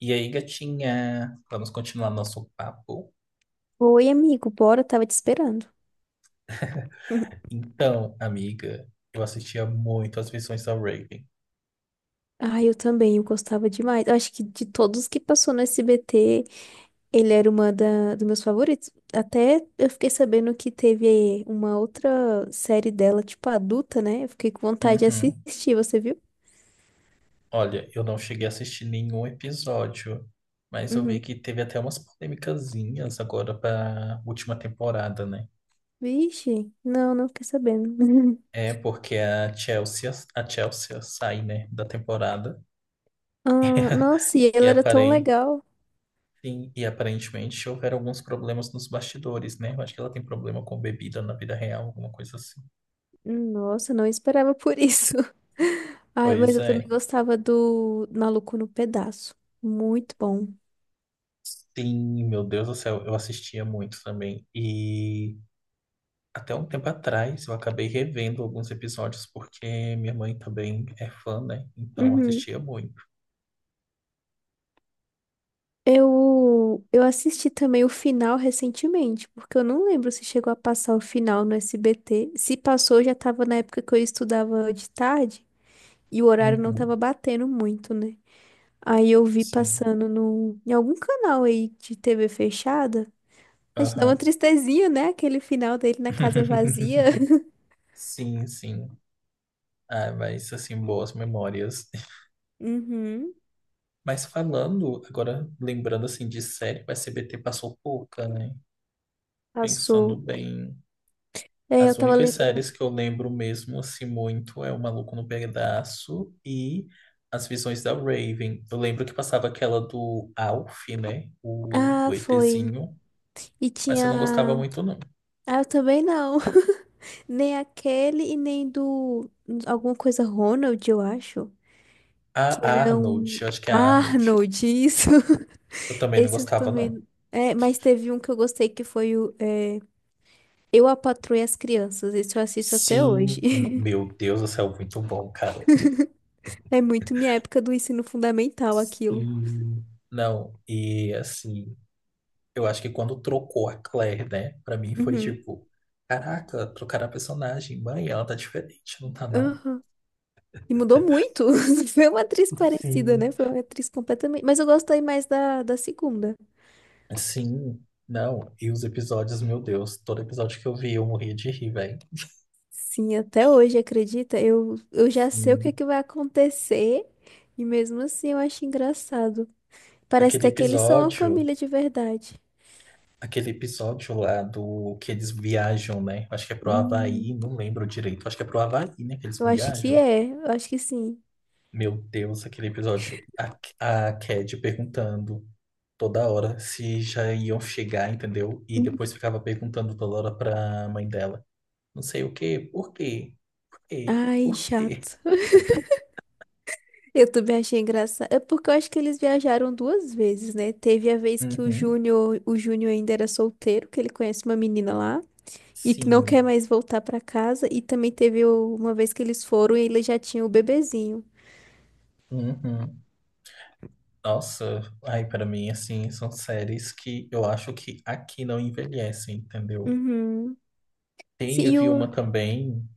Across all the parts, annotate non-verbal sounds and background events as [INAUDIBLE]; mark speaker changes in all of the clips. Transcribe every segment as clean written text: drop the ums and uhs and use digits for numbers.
Speaker 1: E aí, gatinha, vamos continuar nosso papo?
Speaker 2: Oi, amigo, bora, tava te esperando. [LAUGHS]
Speaker 1: Então, amiga, eu assistia muito as versões da Raven.
Speaker 2: Ah, eu também, eu gostava demais. Eu acho que de todos que passou no SBT, ele era dos meus favoritos. Até eu fiquei sabendo que teve uma outra série dela, tipo adulta, né? Eu fiquei com vontade de
Speaker 1: Uhum.
Speaker 2: assistir, você viu?
Speaker 1: Olha, eu não cheguei a assistir nenhum episódio, mas eu vi
Speaker 2: Uhum.
Speaker 1: que teve até umas polêmicazinhas agora para última temporada, né?
Speaker 2: Vixe, não fiquei sabendo. [LAUGHS]
Speaker 1: É porque a Chelsea sai, né, da temporada
Speaker 2: Ah, nossa, e
Speaker 1: e
Speaker 2: ela era tão
Speaker 1: aparente,
Speaker 2: legal.
Speaker 1: e aparentemente houveram alguns problemas nos bastidores, né? Eu acho que ela tem problema com bebida na vida real, alguma coisa assim.
Speaker 2: Nossa, não esperava por isso. [LAUGHS] Ai, mas
Speaker 1: Pois
Speaker 2: eu também
Speaker 1: é.
Speaker 2: gostava do Maluco no Pedaço. Muito bom.
Speaker 1: Sim, meu Deus do céu, eu assistia muito também. E até um tempo atrás eu acabei revendo alguns episódios porque minha mãe também é fã, né? Então
Speaker 2: Uhum.
Speaker 1: assistia muito.
Speaker 2: Eu assisti também o final recentemente, porque eu não lembro se chegou a passar o final no SBT. Se passou, já tava na época que eu estudava de tarde e o horário não tava
Speaker 1: Uhum,
Speaker 2: batendo muito, né? Aí eu vi
Speaker 1: sim.
Speaker 2: passando no, em algum canal aí de TV fechada. A gente dá uma
Speaker 1: Aham.
Speaker 2: tristezinha, né? Aquele final dele na casa vazia.
Speaker 1: [LAUGHS]
Speaker 2: [LAUGHS]
Speaker 1: Sim, sim. Ah, mas assim, boas memórias. [LAUGHS]
Speaker 2: Uhum,
Speaker 1: Mas falando, agora lembrando assim de série, o S B T passou pouca, né? Pensando
Speaker 2: passou.
Speaker 1: bem,
Speaker 2: É, eu
Speaker 1: as
Speaker 2: tava
Speaker 1: únicas séries
Speaker 2: lembrando.
Speaker 1: que eu lembro mesmo assim muito é O Maluco no Pedaço e As Visões da Raven. Eu lembro que passava aquela do Alf, né? O
Speaker 2: Ah,
Speaker 1: do
Speaker 2: foi.
Speaker 1: ETzinho,
Speaker 2: E
Speaker 1: mas eu não gostava
Speaker 2: tinha.
Speaker 1: muito não.
Speaker 2: Ah, eu também não. [LAUGHS] Nem aquele e nem do. Alguma coisa Ronald, eu acho.
Speaker 1: A
Speaker 2: Que era
Speaker 1: Arnold,
Speaker 2: um.
Speaker 1: eu acho que é a Arnold.
Speaker 2: Arnold, isso.
Speaker 1: Eu
Speaker 2: [LAUGHS]
Speaker 1: também não
Speaker 2: Esse eu
Speaker 1: gostava não.
Speaker 2: também. É, mas teve um que eu gostei que foi Eu, a Patroa e as Crianças. Esse eu assisto até hoje.
Speaker 1: Sim, meu
Speaker 2: [LAUGHS]
Speaker 1: Deus do céu, muito bom, cara.
Speaker 2: É muito minha época do ensino fundamental aquilo.
Speaker 1: Sim. Não, e assim, eu acho que quando trocou a Claire, né? Pra mim foi
Speaker 2: Uhum.
Speaker 1: tipo, caraca, trocaram a personagem, mãe, ela tá diferente, não tá não?
Speaker 2: Aham. E mudou muito. [LAUGHS] Foi uma atriz parecida, né?
Speaker 1: Sim.
Speaker 2: Foi uma atriz completamente. Mas eu gostei mais da segunda.
Speaker 1: Sim, não, e os episódios, meu Deus, todo episódio que eu vi eu morria de rir, velho.
Speaker 2: Sim, até hoje, acredita? Eu já sei o que é
Speaker 1: Sim.
Speaker 2: que vai acontecer e mesmo assim eu acho engraçado. Parece
Speaker 1: Aquele
Speaker 2: até que eles são uma
Speaker 1: episódio,
Speaker 2: família de verdade.
Speaker 1: aquele episódio lá do que eles viajam, né? Acho que é pro
Speaker 2: Hum.
Speaker 1: Havaí, não lembro direito, acho que é pro Havaí, né, que eles
Speaker 2: Eu acho que
Speaker 1: viajam.
Speaker 2: é, eu acho que sim.
Speaker 1: Meu Deus, aquele episódio, a Cad perguntando toda hora se já iam chegar, entendeu? E depois
Speaker 2: Hum.
Speaker 1: ficava perguntando toda hora pra mãe dela. Não sei o quê, por quê, por quê,
Speaker 2: Ai,
Speaker 1: por quê?
Speaker 2: chato. [LAUGHS] Eu também achei engraçado. É porque eu acho que eles viajaram duas vezes, né? Teve a vez que
Speaker 1: Uhum,
Speaker 2: O Júnior ainda era solteiro, que ele conhece uma menina lá e que não
Speaker 1: sim,
Speaker 2: quer mais voltar pra casa. E também teve uma vez que eles foram e ele já tinha o bebezinho.
Speaker 1: uhum. Nossa, ai, pra mim, assim, são séries que eu acho que aqui não envelhecem, entendeu?
Speaker 2: Uhum.
Speaker 1: Tem, eu
Speaker 2: Sim,
Speaker 1: vi uma
Speaker 2: o...
Speaker 1: também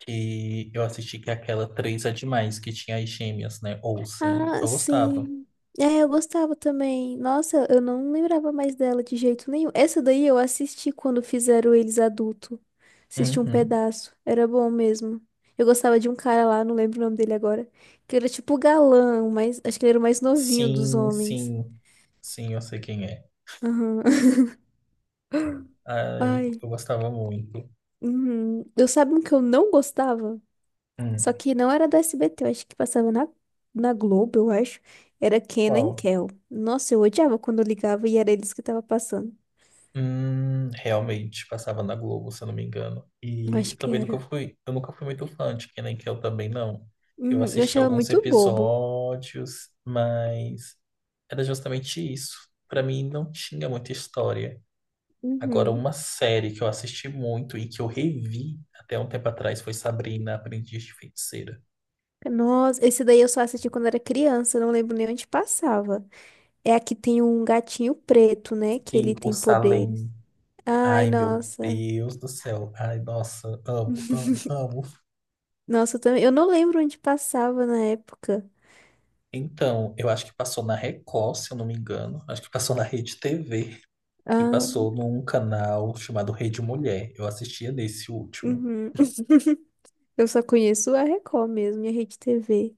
Speaker 1: que eu assisti que é aquela Três é Demais, que tinha as gêmeas, né? Olsen,
Speaker 2: Ah,
Speaker 1: eu gostava.
Speaker 2: sim. É, eu gostava também. Nossa, eu não lembrava mais dela de jeito nenhum. Essa daí eu assisti quando fizeram eles adulto. Assisti um
Speaker 1: Uhum.
Speaker 2: pedaço. Era bom mesmo. Eu gostava de um cara lá, não lembro o nome dele agora. Que era tipo o galã, mas acho que ele era o mais novinho dos
Speaker 1: Sim,
Speaker 2: homens.
Speaker 1: sim, sim, eu sei quem é.
Speaker 2: Aham. [LAUGHS]
Speaker 1: Ai,
Speaker 2: Ai.
Speaker 1: eu gostava muito.
Speaker 2: Uhum. Eu sabe um que eu não gostava?
Speaker 1: Hum,
Speaker 2: Só que não era da SBT, eu acho que passava na Globo, eu acho. Era Kenan e
Speaker 1: qual?
Speaker 2: Kel. Nossa, eu odiava quando eu ligava e era eles que tava passando.
Speaker 1: Realmente, passava na Globo, se eu não me engano.
Speaker 2: Eu
Speaker 1: E
Speaker 2: acho
Speaker 1: eu
Speaker 2: que
Speaker 1: também nunca
Speaker 2: era.
Speaker 1: fui, eu nunca fui muito fã de Kenan Kel também, não. Eu
Speaker 2: Uhum, eu
Speaker 1: assisti
Speaker 2: achava
Speaker 1: alguns
Speaker 2: muito bobo.
Speaker 1: episódios, mas era justamente isso. Pra mim não tinha muita história. Agora,
Speaker 2: Uhum.
Speaker 1: uma série que eu assisti muito e que eu revi até um tempo atrás foi Sabrina, Aprendiz de Feiticeira.
Speaker 2: Nossa, esse daí eu só assisti quando era criança, não lembro nem onde passava. É aqui tem um gatinho preto, né? Que
Speaker 1: Sim,
Speaker 2: ele
Speaker 1: o
Speaker 2: tem poderes.
Speaker 1: Salem.
Speaker 2: Ai,
Speaker 1: Ai, meu
Speaker 2: nossa.
Speaker 1: Deus do céu. Ai, nossa, amo, amo,
Speaker 2: [LAUGHS]
Speaker 1: amo.
Speaker 2: Nossa, eu também. Eu não lembro onde passava na época.
Speaker 1: Então, eu acho que passou na Record, se eu não me engano. Acho que passou na Rede TV e
Speaker 2: Ah,
Speaker 1: passou num canal chamado Rede Mulher. Eu assistia nesse último.
Speaker 2: uhum. [LAUGHS] Eu só conheço a Record mesmo e a Rede TV.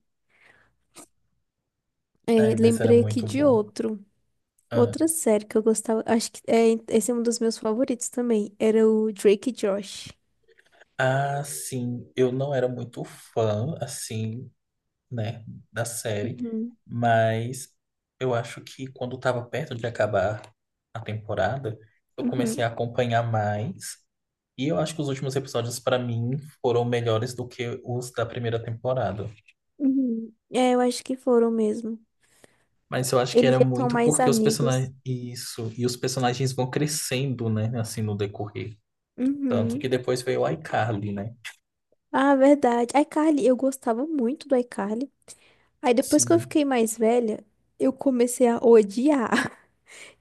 Speaker 2: É,
Speaker 1: Ai, mas era
Speaker 2: lembrei aqui
Speaker 1: muito
Speaker 2: de
Speaker 1: bom.
Speaker 2: outro.
Speaker 1: Ah,
Speaker 2: Outra série que eu gostava. Esse é um dos meus favoritos também. Era o Drake e Josh.
Speaker 1: Ah, sim, eu não era muito fã, assim, né, da série,
Speaker 2: Uhum,
Speaker 1: mas eu acho que quando estava perto de acabar a temporada, eu comecei
Speaker 2: uhum,
Speaker 1: a acompanhar mais. E eu acho que os últimos episódios, pra mim, foram melhores do que os da primeira temporada.
Speaker 2: uhum. É, eu acho que foram mesmo.
Speaker 1: Mas eu acho que
Speaker 2: Eles
Speaker 1: era
Speaker 2: já são
Speaker 1: muito
Speaker 2: mais
Speaker 1: porque os
Speaker 2: amigos.
Speaker 1: personagens. Isso. E os personagens vão crescendo, né? Assim, no decorrer. Tanto
Speaker 2: Uhum.
Speaker 1: que depois veio o iCarly, né?
Speaker 2: Ah, verdade. iCarly, eu gostava muito do iCarly. Aí depois que eu
Speaker 1: Sim.
Speaker 2: fiquei mais velha, eu comecei a odiar. [LAUGHS]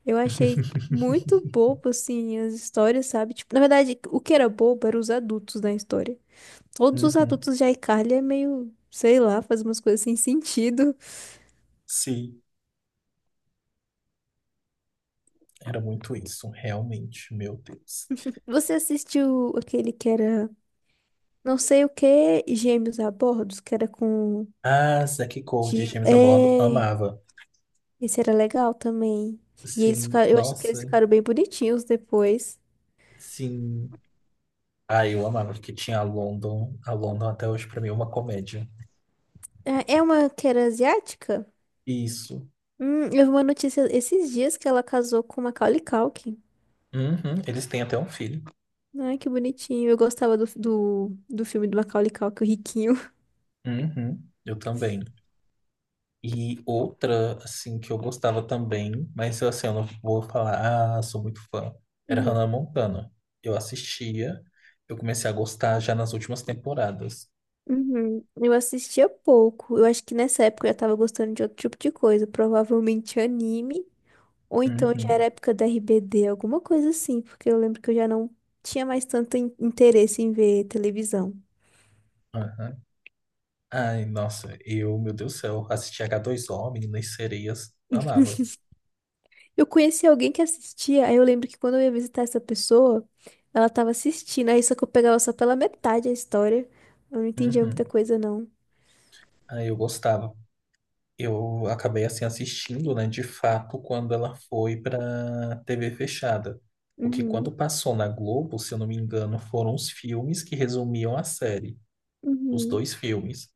Speaker 2: Eu achei muito
Speaker 1: [LAUGHS]
Speaker 2: bobo, assim, as histórias, sabe? Tipo, na verdade, o que era bobo eram os adultos na história. Todos os
Speaker 1: Uhum.
Speaker 2: adultos de iCarly é meio, sei lá, faz umas coisas sem sentido.
Speaker 1: Sim. Era muito isso, realmente, meu Deus.
Speaker 2: Você assistiu aquele que era não sei o que, Gêmeos a Bordos, que era com
Speaker 1: Ah, Zack Cody,
Speaker 2: Gil.
Speaker 1: James a bordo,
Speaker 2: É,
Speaker 1: amava.
Speaker 2: esse era legal também. E eles
Speaker 1: Sim,
Speaker 2: ficaram, eu achei que eles
Speaker 1: nossa,
Speaker 2: ficaram bem bonitinhos depois.
Speaker 1: sim. Ah, eu amava, porque tinha a London. A London até hoje, pra mim, é uma comédia.
Speaker 2: É é uma que era asiática?
Speaker 1: Isso.
Speaker 2: Eu vi uma notícia esses dias que ela casou com o Macaulay Culkin.
Speaker 1: Uhum, eles têm até um filho.
Speaker 2: Ai, que bonitinho. Eu gostava do filme do Macaulay Culkin, o Riquinho.
Speaker 1: Uhum, eu também. E outra, assim, que eu gostava também, mas assim, eu não vou falar, ah, sou muito fã, era Hannah
Speaker 2: [LAUGHS]
Speaker 1: Montana. Eu assistia, eu comecei a gostar já nas últimas temporadas.
Speaker 2: Uhum. Eu assistia pouco. Eu acho que nessa época eu já tava gostando de outro tipo de coisa, provavelmente anime, ou então já era
Speaker 1: Uhum,
Speaker 2: época da RBD, alguma coisa assim, porque eu lembro que eu já não tinha mais tanto interesse em ver televisão.
Speaker 1: aham. Ai, nossa, eu, meu Deus do céu, assistia h dois o Meninas Sereias, amava.
Speaker 2: Eu conheci alguém que assistia, aí eu lembro que quando eu ia visitar essa pessoa, ela tava assistindo, aí só que eu pegava só pela metade a história. Eu não entendia muita
Speaker 1: Uhum.
Speaker 2: coisa, não.
Speaker 1: Aí eu gostava, eu acabei assim assistindo, né, de fato, quando ela foi para TV fechada. Porque
Speaker 2: Uhum.
Speaker 1: quando passou na Globo, se eu não me engano, foram os filmes que resumiam a série, os
Speaker 2: Uhum.
Speaker 1: dois filmes.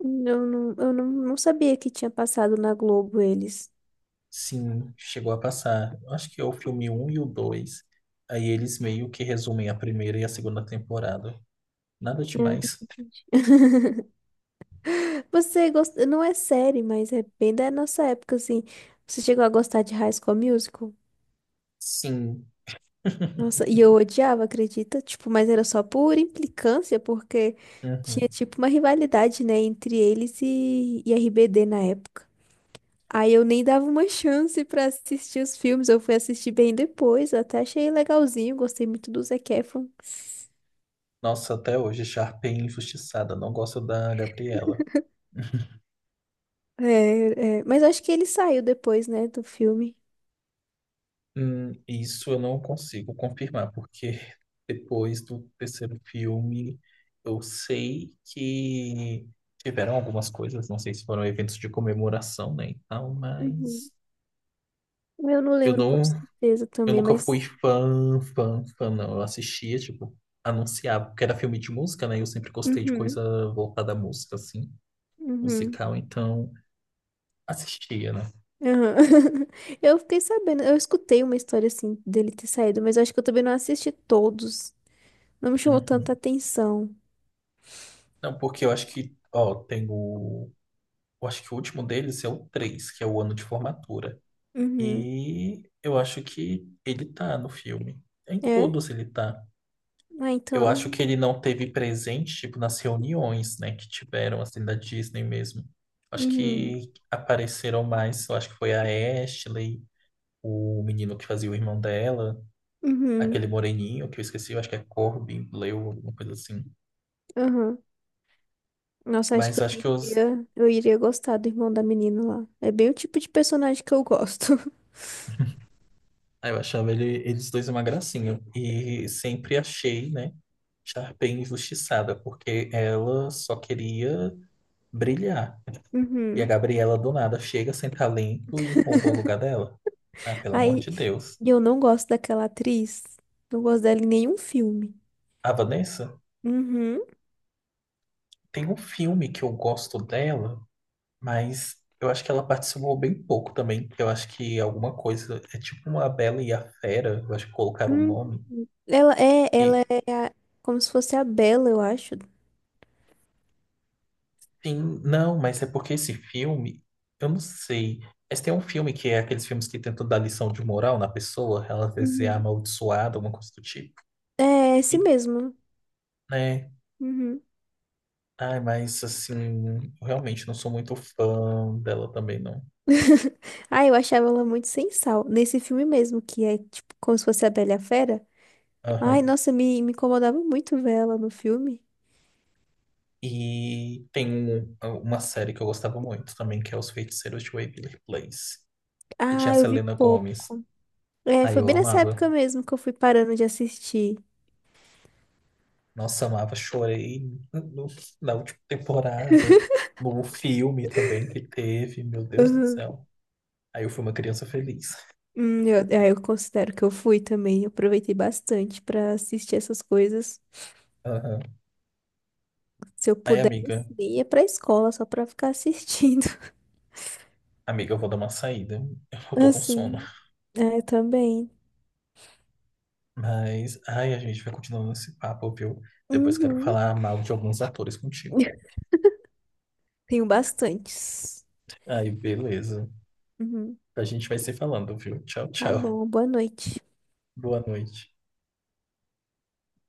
Speaker 2: Eu não sabia que tinha passado na Globo eles.
Speaker 1: Sim, chegou a passar. Eu acho que é o filme um e o dois. Aí eles meio que resumem a primeira e a segunda temporada. Nada
Speaker 2: Ah,
Speaker 1: demais.
Speaker 2: entendi. [LAUGHS] Você gosta, não é série, mas é bem da nossa época, assim. Você chegou a gostar de High School Musical?
Speaker 1: Sim. [LAUGHS]
Speaker 2: Nossa, e eu odiava, acredita? Tipo, mas era só por implicância, porque tinha
Speaker 1: Uhum.
Speaker 2: tipo uma rivalidade, né, entre e RBD na época. Aí eu nem dava uma [LAUGHS] chance pra assistir os filmes, eu fui assistir bem depois, até achei legalzinho, gostei muito do Zac Efron.
Speaker 1: Nossa, até hoje, Sharpay é injustiçada. Não gosto da Gabriela.
Speaker 2: É, é, mas acho que ele saiu depois, né, do filme.
Speaker 1: Isso eu não consigo confirmar, porque [LAUGHS] depois do terceiro filme eu sei que tiveram algumas coisas, não sei se foram eventos de comemoração, né, e tal,
Speaker 2: Uhum.
Speaker 1: mas
Speaker 2: Eu não
Speaker 1: eu
Speaker 2: lembro com
Speaker 1: não,
Speaker 2: certeza
Speaker 1: eu
Speaker 2: também,
Speaker 1: nunca fui
Speaker 2: mas.
Speaker 1: fã, não. Eu assistia, tipo, anunciava, porque era filme de música, né, e eu sempre gostei de
Speaker 2: Uhum,
Speaker 1: coisa voltada à música, assim,
Speaker 2: uhum,
Speaker 1: musical, então assistia, né.
Speaker 2: aham. [LAUGHS] Eu fiquei sabendo, eu escutei uma história assim dele ter saído, mas eu acho que eu também não assisti todos. Não me chamou
Speaker 1: Uhum.
Speaker 2: tanta atenção.
Speaker 1: Não, porque eu acho que, ó, tem o eu acho que o último deles é o 3 que é o ano de formatura.
Speaker 2: Uhum.
Speaker 1: E eu acho que ele tá no filme. Em
Speaker 2: É?
Speaker 1: todos ele tá.
Speaker 2: Ah,
Speaker 1: Eu acho que
Speaker 2: então.
Speaker 1: ele não teve presente, tipo, nas reuniões, né, que tiveram, assim, da Disney mesmo. Acho
Speaker 2: Uhum,
Speaker 1: que apareceram mais, eu acho que foi a Ashley, o menino que fazia o irmão dela,
Speaker 2: uhum,
Speaker 1: aquele moreninho que eu esqueci, eu acho que é Corbin Bleu, alguma coisa assim.
Speaker 2: aham. Nossa, acho que
Speaker 1: Mas eu acho que os
Speaker 2: eu iria gostar do irmão da menina lá. É bem o tipo de personagem que eu gosto. [LAUGHS]
Speaker 1: Ah, eu achava ele- eles dois uma gracinha. E sempre achei, né, Sharpay injustiçada, porque ela só queria brilhar. E a
Speaker 2: Uhum.
Speaker 1: Gabriela, do nada, chega sem talento e rouba o lugar dela. Ah, pelo amor
Speaker 2: Aí,
Speaker 1: de Deus.
Speaker 2: e eu não gosto daquela atriz. Não gosto dela em nenhum filme.
Speaker 1: A Vanessa
Speaker 2: Uhum.
Speaker 1: tem um filme que eu gosto dela, mas eu acho que ela participou bem pouco também. Eu acho que alguma coisa. É tipo uma Bela e a Fera, eu acho que colocaram o
Speaker 2: Hum.
Speaker 1: nome.
Speaker 2: Ela
Speaker 1: E
Speaker 2: é como se fosse a Bela, eu acho.
Speaker 1: sim, não, mas é porque esse filme, eu não sei. Mas tem um filme que é aqueles filmes que tentam dar lição de moral na pessoa, ela vai ser é
Speaker 2: Uhum.
Speaker 1: amaldiçoada, alguma coisa do tipo.
Speaker 2: É, esse
Speaker 1: E,
Speaker 2: mesmo.
Speaker 1: né?
Speaker 2: Uhum.
Speaker 1: Ai, mas assim, eu realmente não sou muito fã dela também, não.
Speaker 2: [LAUGHS] Ai, eu achava ela muito sem sal. Nesse filme mesmo, que é tipo como se fosse a Bela e a Fera. Ai,
Speaker 1: Aham.
Speaker 2: nossa, me incomodava muito ver ela no filme.
Speaker 1: E tem um- uma série que eu gostava muito também, que é Os Feiticeiros de Waverly Place, que tinha a
Speaker 2: Ah, eu vi
Speaker 1: Selena Gomez.
Speaker 2: pouco. É,
Speaker 1: Aí
Speaker 2: foi
Speaker 1: eu
Speaker 2: bem nessa
Speaker 1: amava.
Speaker 2: época mesmo que eu fui parando de assistir.
Speaker 1: Nossa, amava, chorei no- na última temporada, no filme também que teve, meu Deus do céu. Aí eu fui uma criança feliz.
Speaker 2: Eu considero que eu fui também. Eu aproveitei bastante pra assistir essas coisas.
Speaker 1: Aham.
Speaker 2: Se eu
Speaker 1: Aí, amiga,
Speaker 2: pudesse, nem ia pra escola só pra ficar assistindo. [LAUGHS]
Speaker 1: amiga, eu vou dar uma saída. Eu tô com sono.
Speaker 2: Assim, é, eu também.
Speaker 1: Mas, ai, a gente vai continuando esse papo, viu? Depois quero
Speaker 2: Uhum.
Speaker 1: falar mal de alguns atores contigo.
Speaker 2: [LAUGHS] Tenho bastantes.
Speaker 1: Aí, beleza.
Speaker 2: Uhum.
Speaker 1: A gente vai se falando, viu? Tchau,
Speaker 2: Tá
Speaker 1: tchau.
Speaker 2: bom, boa noite.
Speaker 1: Boa noite.